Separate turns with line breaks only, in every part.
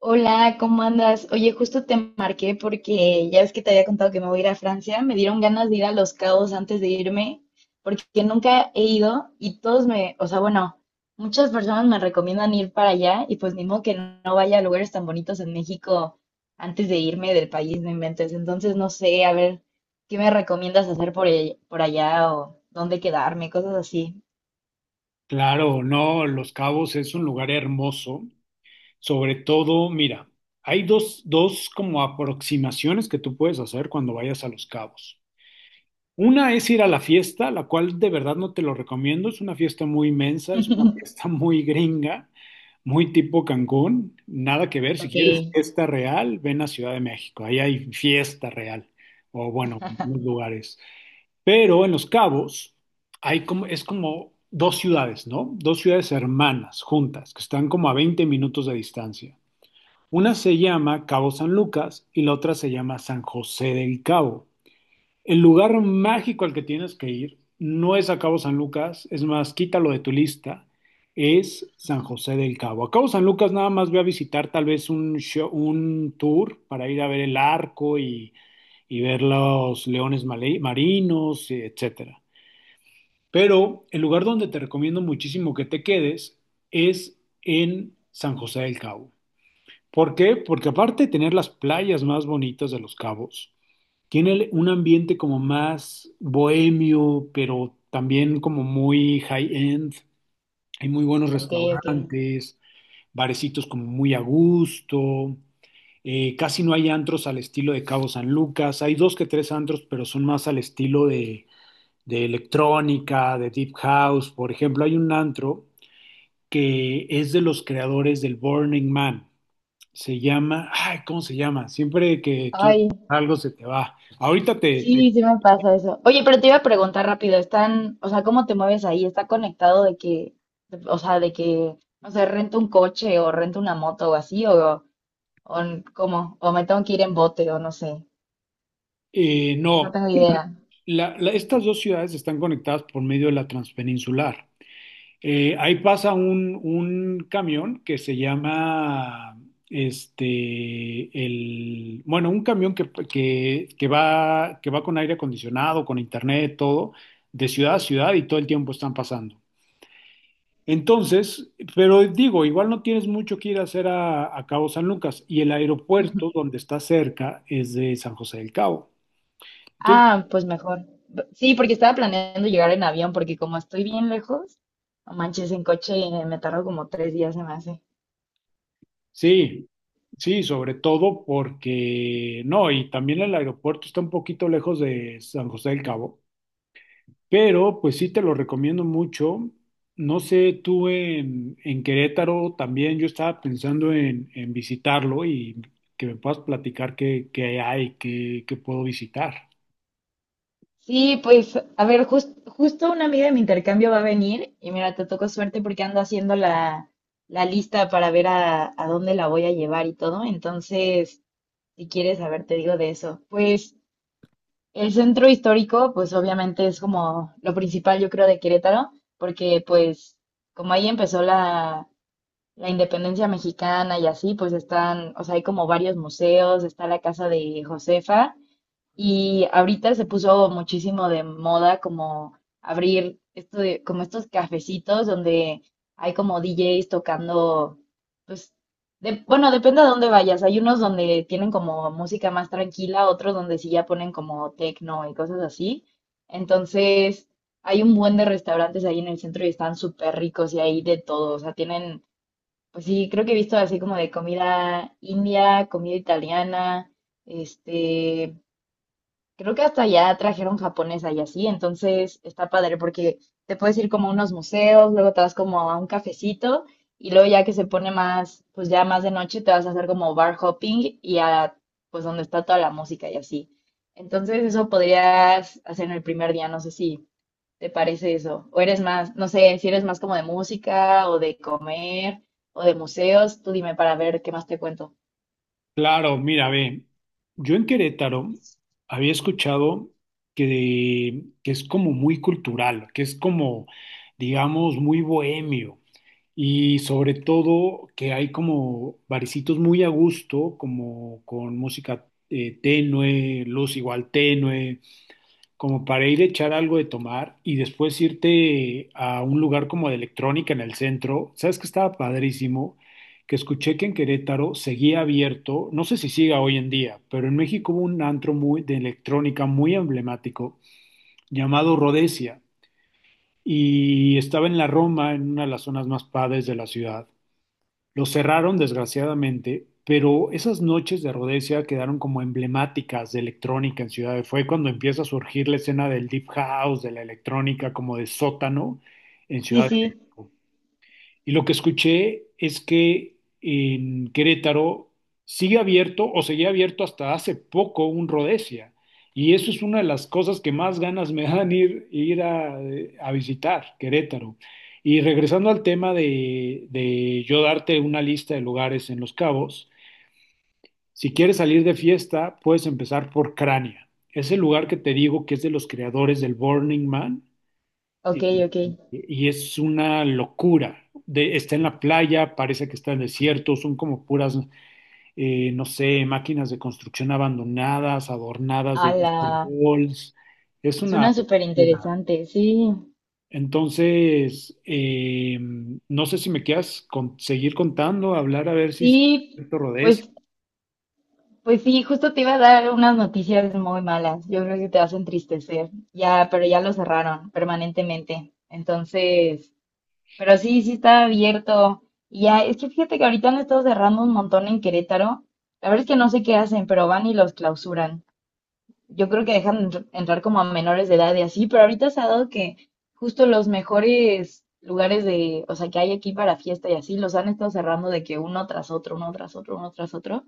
Hola, ¿cómo andas? Oye, justo te marqué porque ya ves que te había contado que me voy a ir a Francia. Me dieron ganas de ir a Los Cabos antes de irme, porque nunca he ido y todos me, o sea, bueno, muchas personas me recomiendan ir para allá y pues ni modo que no vaya a lugares tan bonitos en México antes de irme del país, no inventes. Entonces, no sé, a ver, ¿qué me recomiendas hacer por, por allá o dónde quedarme? Cosas así.
Claro, no, Los Cabos es un lugar hermoso. Sobre todo, mira, hay dos como aproximaciones que tú puedes hacer cuando vayas a Los Cabos. Una es ir a la fiesta, la cual de verdad no te lo recomiendo. Es una fiesta muy inmensa, es una fiesta muy gringa, muy tipo Cancún. Nada que ver. Si
Ok,
quieres fiesta real, ven a Ciudad de México. Ahí hay fiesta real. O bueno, en algunos lugares. Pero en Los Cabos hay como, es como dos ciudades, ¿no? Dos ciudades hermanas, juntas, que están como a 20 minutos de distancia. Una se llama Cabo San Lucas y la otra se llama San José del Cabo. El lugar mágico al que tienes que ir no es a Cabo San Lucas, es más, quítalo de tu lista, es San José del Cabo. A Cabo San Lucas nada más voy a visitar tal vez un tour para ir a ver el arco y ver los leones marinos, etcétera. Pero el lugar donde te recomiendo muchísimo que te quedes es en San José del Cabo. ¿Por qué? Porque aparte de tener las playas más bonitas de Los Cabos, tiene un ambiente como más bohemio, pero también como muy high-end. Hay muy buenos
ok, ok.
restaurantes, barecitos como muy a gusto. Casi no hay antros al estilo de Cabo San Lucas. Hay dos que tres antros, pero son más al estilo de electrónica, de deep house. Por ejemplo, hay un antro que es de los creadores del Burning Man. Se llama, ay, ¿cómo se llama? Siempre que quieres
Ay.
algo se te va. Ahorita
Sí, sí me pasa eso. Oye, pero te iba a preguntar rápido, están, o sea, ¿cómo te mueves ahí? ¿Está conectado de que, o sea, de que, no sé, rento un coche o rento una moto o así, o cómo, o me tengo que ir en bote? O no sé, es que no
no,
tengo idea.
Estas dos ciudades están conectadas por medio de la transpeninsular. Ahí pasa un camión que se llama, este, el, bueno, un camión que va con aire acondicionado, con internet, todo, de ciudad a ciudad y todo el tiempo están pasando. Entonces, pero digo, igual no tienes mucho que ir a hacer a Cabo San Lucas y el aeropuerto donde está cerca es de San José del Cabo. Entonces
Ah, pues mejor. B- Sí, porque estaba planeando llegar en avión, porque como estoy bien lejos, no manches, en coche me tardo como tres días, se me hace.
sí, sí, sobre todo porque no, y también el aeropuerto está un poquito lejos de San José del Cabo, pero pues sí te lo recomiendo mucho. No sé, tú en Querétaro también yo estaba pensando en visitarlo y que me puedas platicar qué, qué hay, qué, qué puedo visitar.
Sí, pues, a ver, justo una amiga de mi intercambio va a venir y mira, te tocó suerte porque ando haciendo la, la lista para ver a dónde la voy a llevar y todo. Entonces, si quieres saber, te digo de eso. Pues el centro histórico, pues obviamente es como lo principal, yo creo, de Querétaro, porque pues como ahí empezó la, la independencia mexicana y así, pues están, o sea, hay como varios museos, está la casa de Josefa. Y ahorita se puso muchísimo de moda como abrir esto como estos cafecitos donde hay como DJs tocando, pues, de- bueno, depende a dónde vayas. Hay unos donde tienen como música más tranquila, otros donde sí ya ponen como techno y cosas así. Entonces, hay un buen de restaurantes ahí en el centro y están súper ricos y hay de todo. O sea, tienen, pues sí, creo que he visto así como de comida india, comida italiana, este creo que hasta ya trajeron japonesa y así, entonces está padre porque te puedes ir como a unos museos, luego te vas como a un cafecito y luego ya que se pone más, pues ya más de noche te vas a hacer como bar hopping y a pues donde está toda la música y así. Entonces eso podrías hacer en el primer día, no sé si te parece eso, o eres más, no sé, si eres más como de música o de comer o de museos, tú dime para ver qué más te cuento.
Claro, mira, ve, yo en Querétaro había escuchado que es como muy cultural, que es como, digamos, muy bohemio y sobre todo que hay como barecitos muy a gusto, como con música tenue, luz igual tenue, como para ir a echar algo de tomar y después irte a un lugar como de electrónica en el centro. ¿Sabes que estaba padrísimo? Que escuché que en Querétaro seguía abierto, no sé si siga hoy en día, pero en México hubo un antro muy, de electrónica muy emblemático llamado Rhodesia y estaba en la Roma, en una de las zonas más padres de la ciudad. Lo cerraron, desgraciadamente, pero esas noches de Rhodesia quedaron como emblemáticas de electrónica en Ciudad de Fue cuando empieza a surgir la escena del deep house, de la electrónica como de sótano en
Sí,
Ciudad de
sí,
México. Y lo que escuché es que en Querétaro sigue abierto o seguía abierto hasta hace poco un Rhodesia. Y eso es una de las cosas que más ganas me dan ir, ir a visitar, Querétaro. Y regresando al tema de yo darte una lista de lugares en Los Cabos, si quieres salir de fiesta, puedes empezar por Crania. Es el lugar que te digo que es de los creadores del Burning Man
ok,
y,
ok.
y es una locura. Está en la playa, parece que está en el desierto, son como puras, no sé, máquinas de construcción abandonadas, adornadas de disco
Ala.
balls. Es una
Suena súper
locura.
interesante, sí,
Entonces, no sé si me quieras seguir contando, hablar a ver si se
sí,
rodez.
pues, pues sí, justo te iba a dar unas noticias muy malas. Yo creo que te vas a entristecer. Ya, pero ya lo cerraron permanentemente. Entonces, pero sí, sí está abierto. Y ya, es que fíjate que ahorita han estado cerrando un montón en Querétaro. La verdad es que no sé qué hacen, pero van y los clausuran. Yo creo que dejan entrar como a menores de edad y así, pero ahorita se ha dado que justo los mejores lugares de, o sea, que hay aquí para fiesta y así, los han estado cerrando de que uno tras otro, uno tras otro, uno tras otro,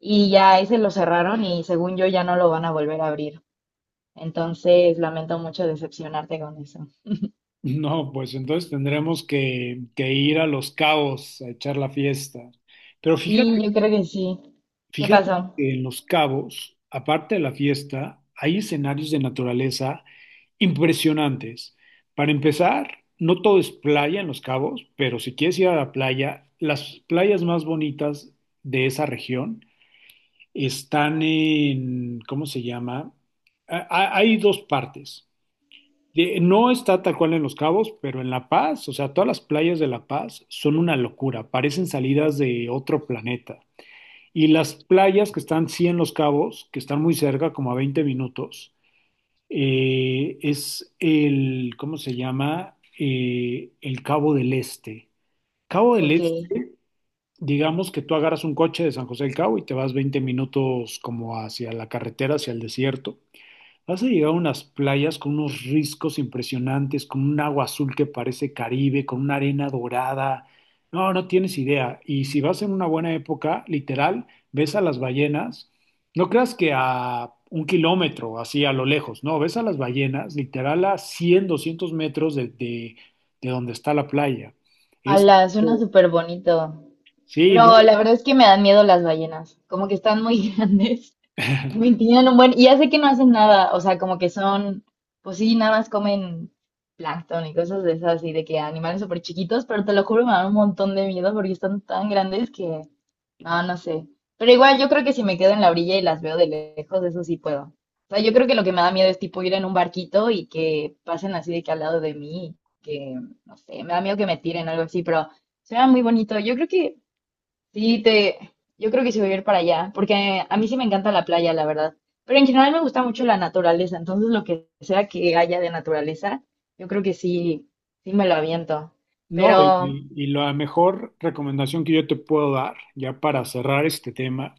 y ya ese lo cerraron y según yo ya no lo van a volver a abrir. Entonces, lamento mucho decepcionarte con eso.
No, pues entonces tendremos que ir a Los Cabos a echar la fiesta. Pero
Sí,
fíjate.
yo creo que sí. ¿Qué
Fíjate
pasó?
que en Los Cabos, aparte de la fiesta, hay escenarios de naturaleza impresionantes. Para empezar, no todo es playa en Los Cabos, pero si quieres ir a la playa, las playas más bonitas de esa región están en, ¿cómo se llama? Hay dos partes. No está tal cual en Los Cabos, pero en La Paz, o sea, todas las playas de La Paz son una locura, parecen salidas de otro planeta. Y las playas que están, sí, en Los Cabos, que están muy cerca, como a 20 minutos, es el, ¿cómo se llama? El Cabo del Este. Cabo del
Ok.
Este, digamos que tú agarras un coche de San José del Cabo y te vas 20 minutos como hacia la carretera, hacia el desierto. Has llegado a unas playas con unos riscos impresionantes, con un agua azul que parece Caribe, con una arena dorada. No, no tienes idea. Y si vas en una buena época, literal, ves a las ballenas. No creas que a 1 kilómetro, así a lo lejos, no, ves a las ballenas, literal a 100, 200 metros de donde está la playa. Es,
Ala, suena súper bonito.
sí, no,
Pero la verdad es que me dan miedo las ballenas. Como que están muy grandes. Y me tienen un buen, y ya sé que no hacen nada, o sea, como que son, pues sí, nada más comen plancton y cosas de esas, y de que animales súper chiquitos, pero te lo juro, me dan un montón de miedo porque están tan grandes que, no, no sé. Pero igual yo creo que si me quedo en la orilla y las veo de lejos, eso sí puedo. O sea, yo creo que lo que me da miedo es tipo ir en un barquito y que pasen así de que al lado de mí, que, no sé, me da miedo que me tiren algo así, pero suena muy bonito. Yo creo que sí, te, yo creo que sí voy a ir para allá, porque a mí sí me encanta la playa, la verdad. Pero en general me gusta mucho la naturaleza, entonces lo que sea que haya de naturaleza, yo creo que sí, sí me lo aviento.
no,
Pero,
y la mejor recomendación que yo te puedo dar, ya para cerrar este tema,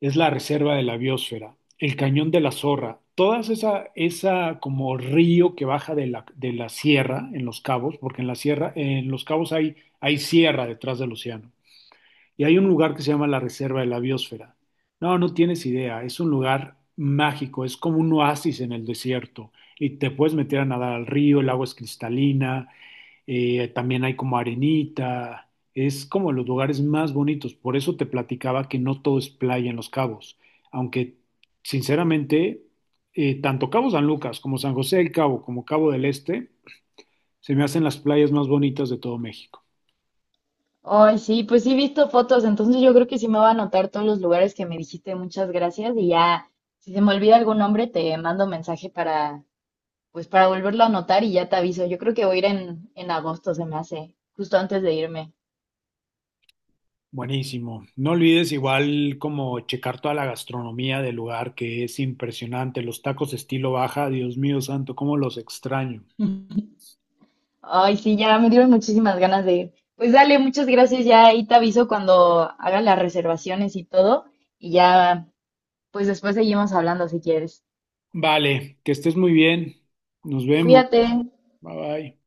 es la reserva de la biosfera, el cañón de la Zorra, todas esa, esa como río que baja de la sierra en Los Cabos, porque en la sierra, en Los Cabos hay, hay sierra detrás del océano, y hay un lugar que se llama la reserva de la biosfera. No, no tienes idea, es un lugar mágico, es como un oasis en el desierto, y te puedes meter a nadar al río, el agua es cristalina, también hay como arenita, es como los lugares más bonitos. Por eso te platicaba que no todo es playa en Los Cabos, aunque sinceramente, tanto Cabo San Lucas como San José del Cabo como Cabo del Este se me hacen las playas más bonitas de todo México.
hoy sí, pues sí he visto fotos, entonces yo creo que sí me va a anotar todos los lugares que me dijiste, muchas gracias, y ya, si se me olvida algún nombre, te mando mensaje para, pues para volverlo a anotar y ya te aviso. Yo creo que voy a ir en agosto, se me hace, justo antes de irme.
Buenísimo. No olvides igual como checar toda la gastronomía del lugar, que es impresionante. Los tacos estilo baja, Dios mío santo, cómo los extraño.
Ay, sí, ya me dieron muchísimas ganas de ir. Pues dale, muchas gracias. Ya ahí te aviso cuando haga las reservaciones y todo. Y ya, pues después seguimos hablando si quieres.
Vale, que estés muy bien. Nos vemos.
Cuídate.
Bye bye.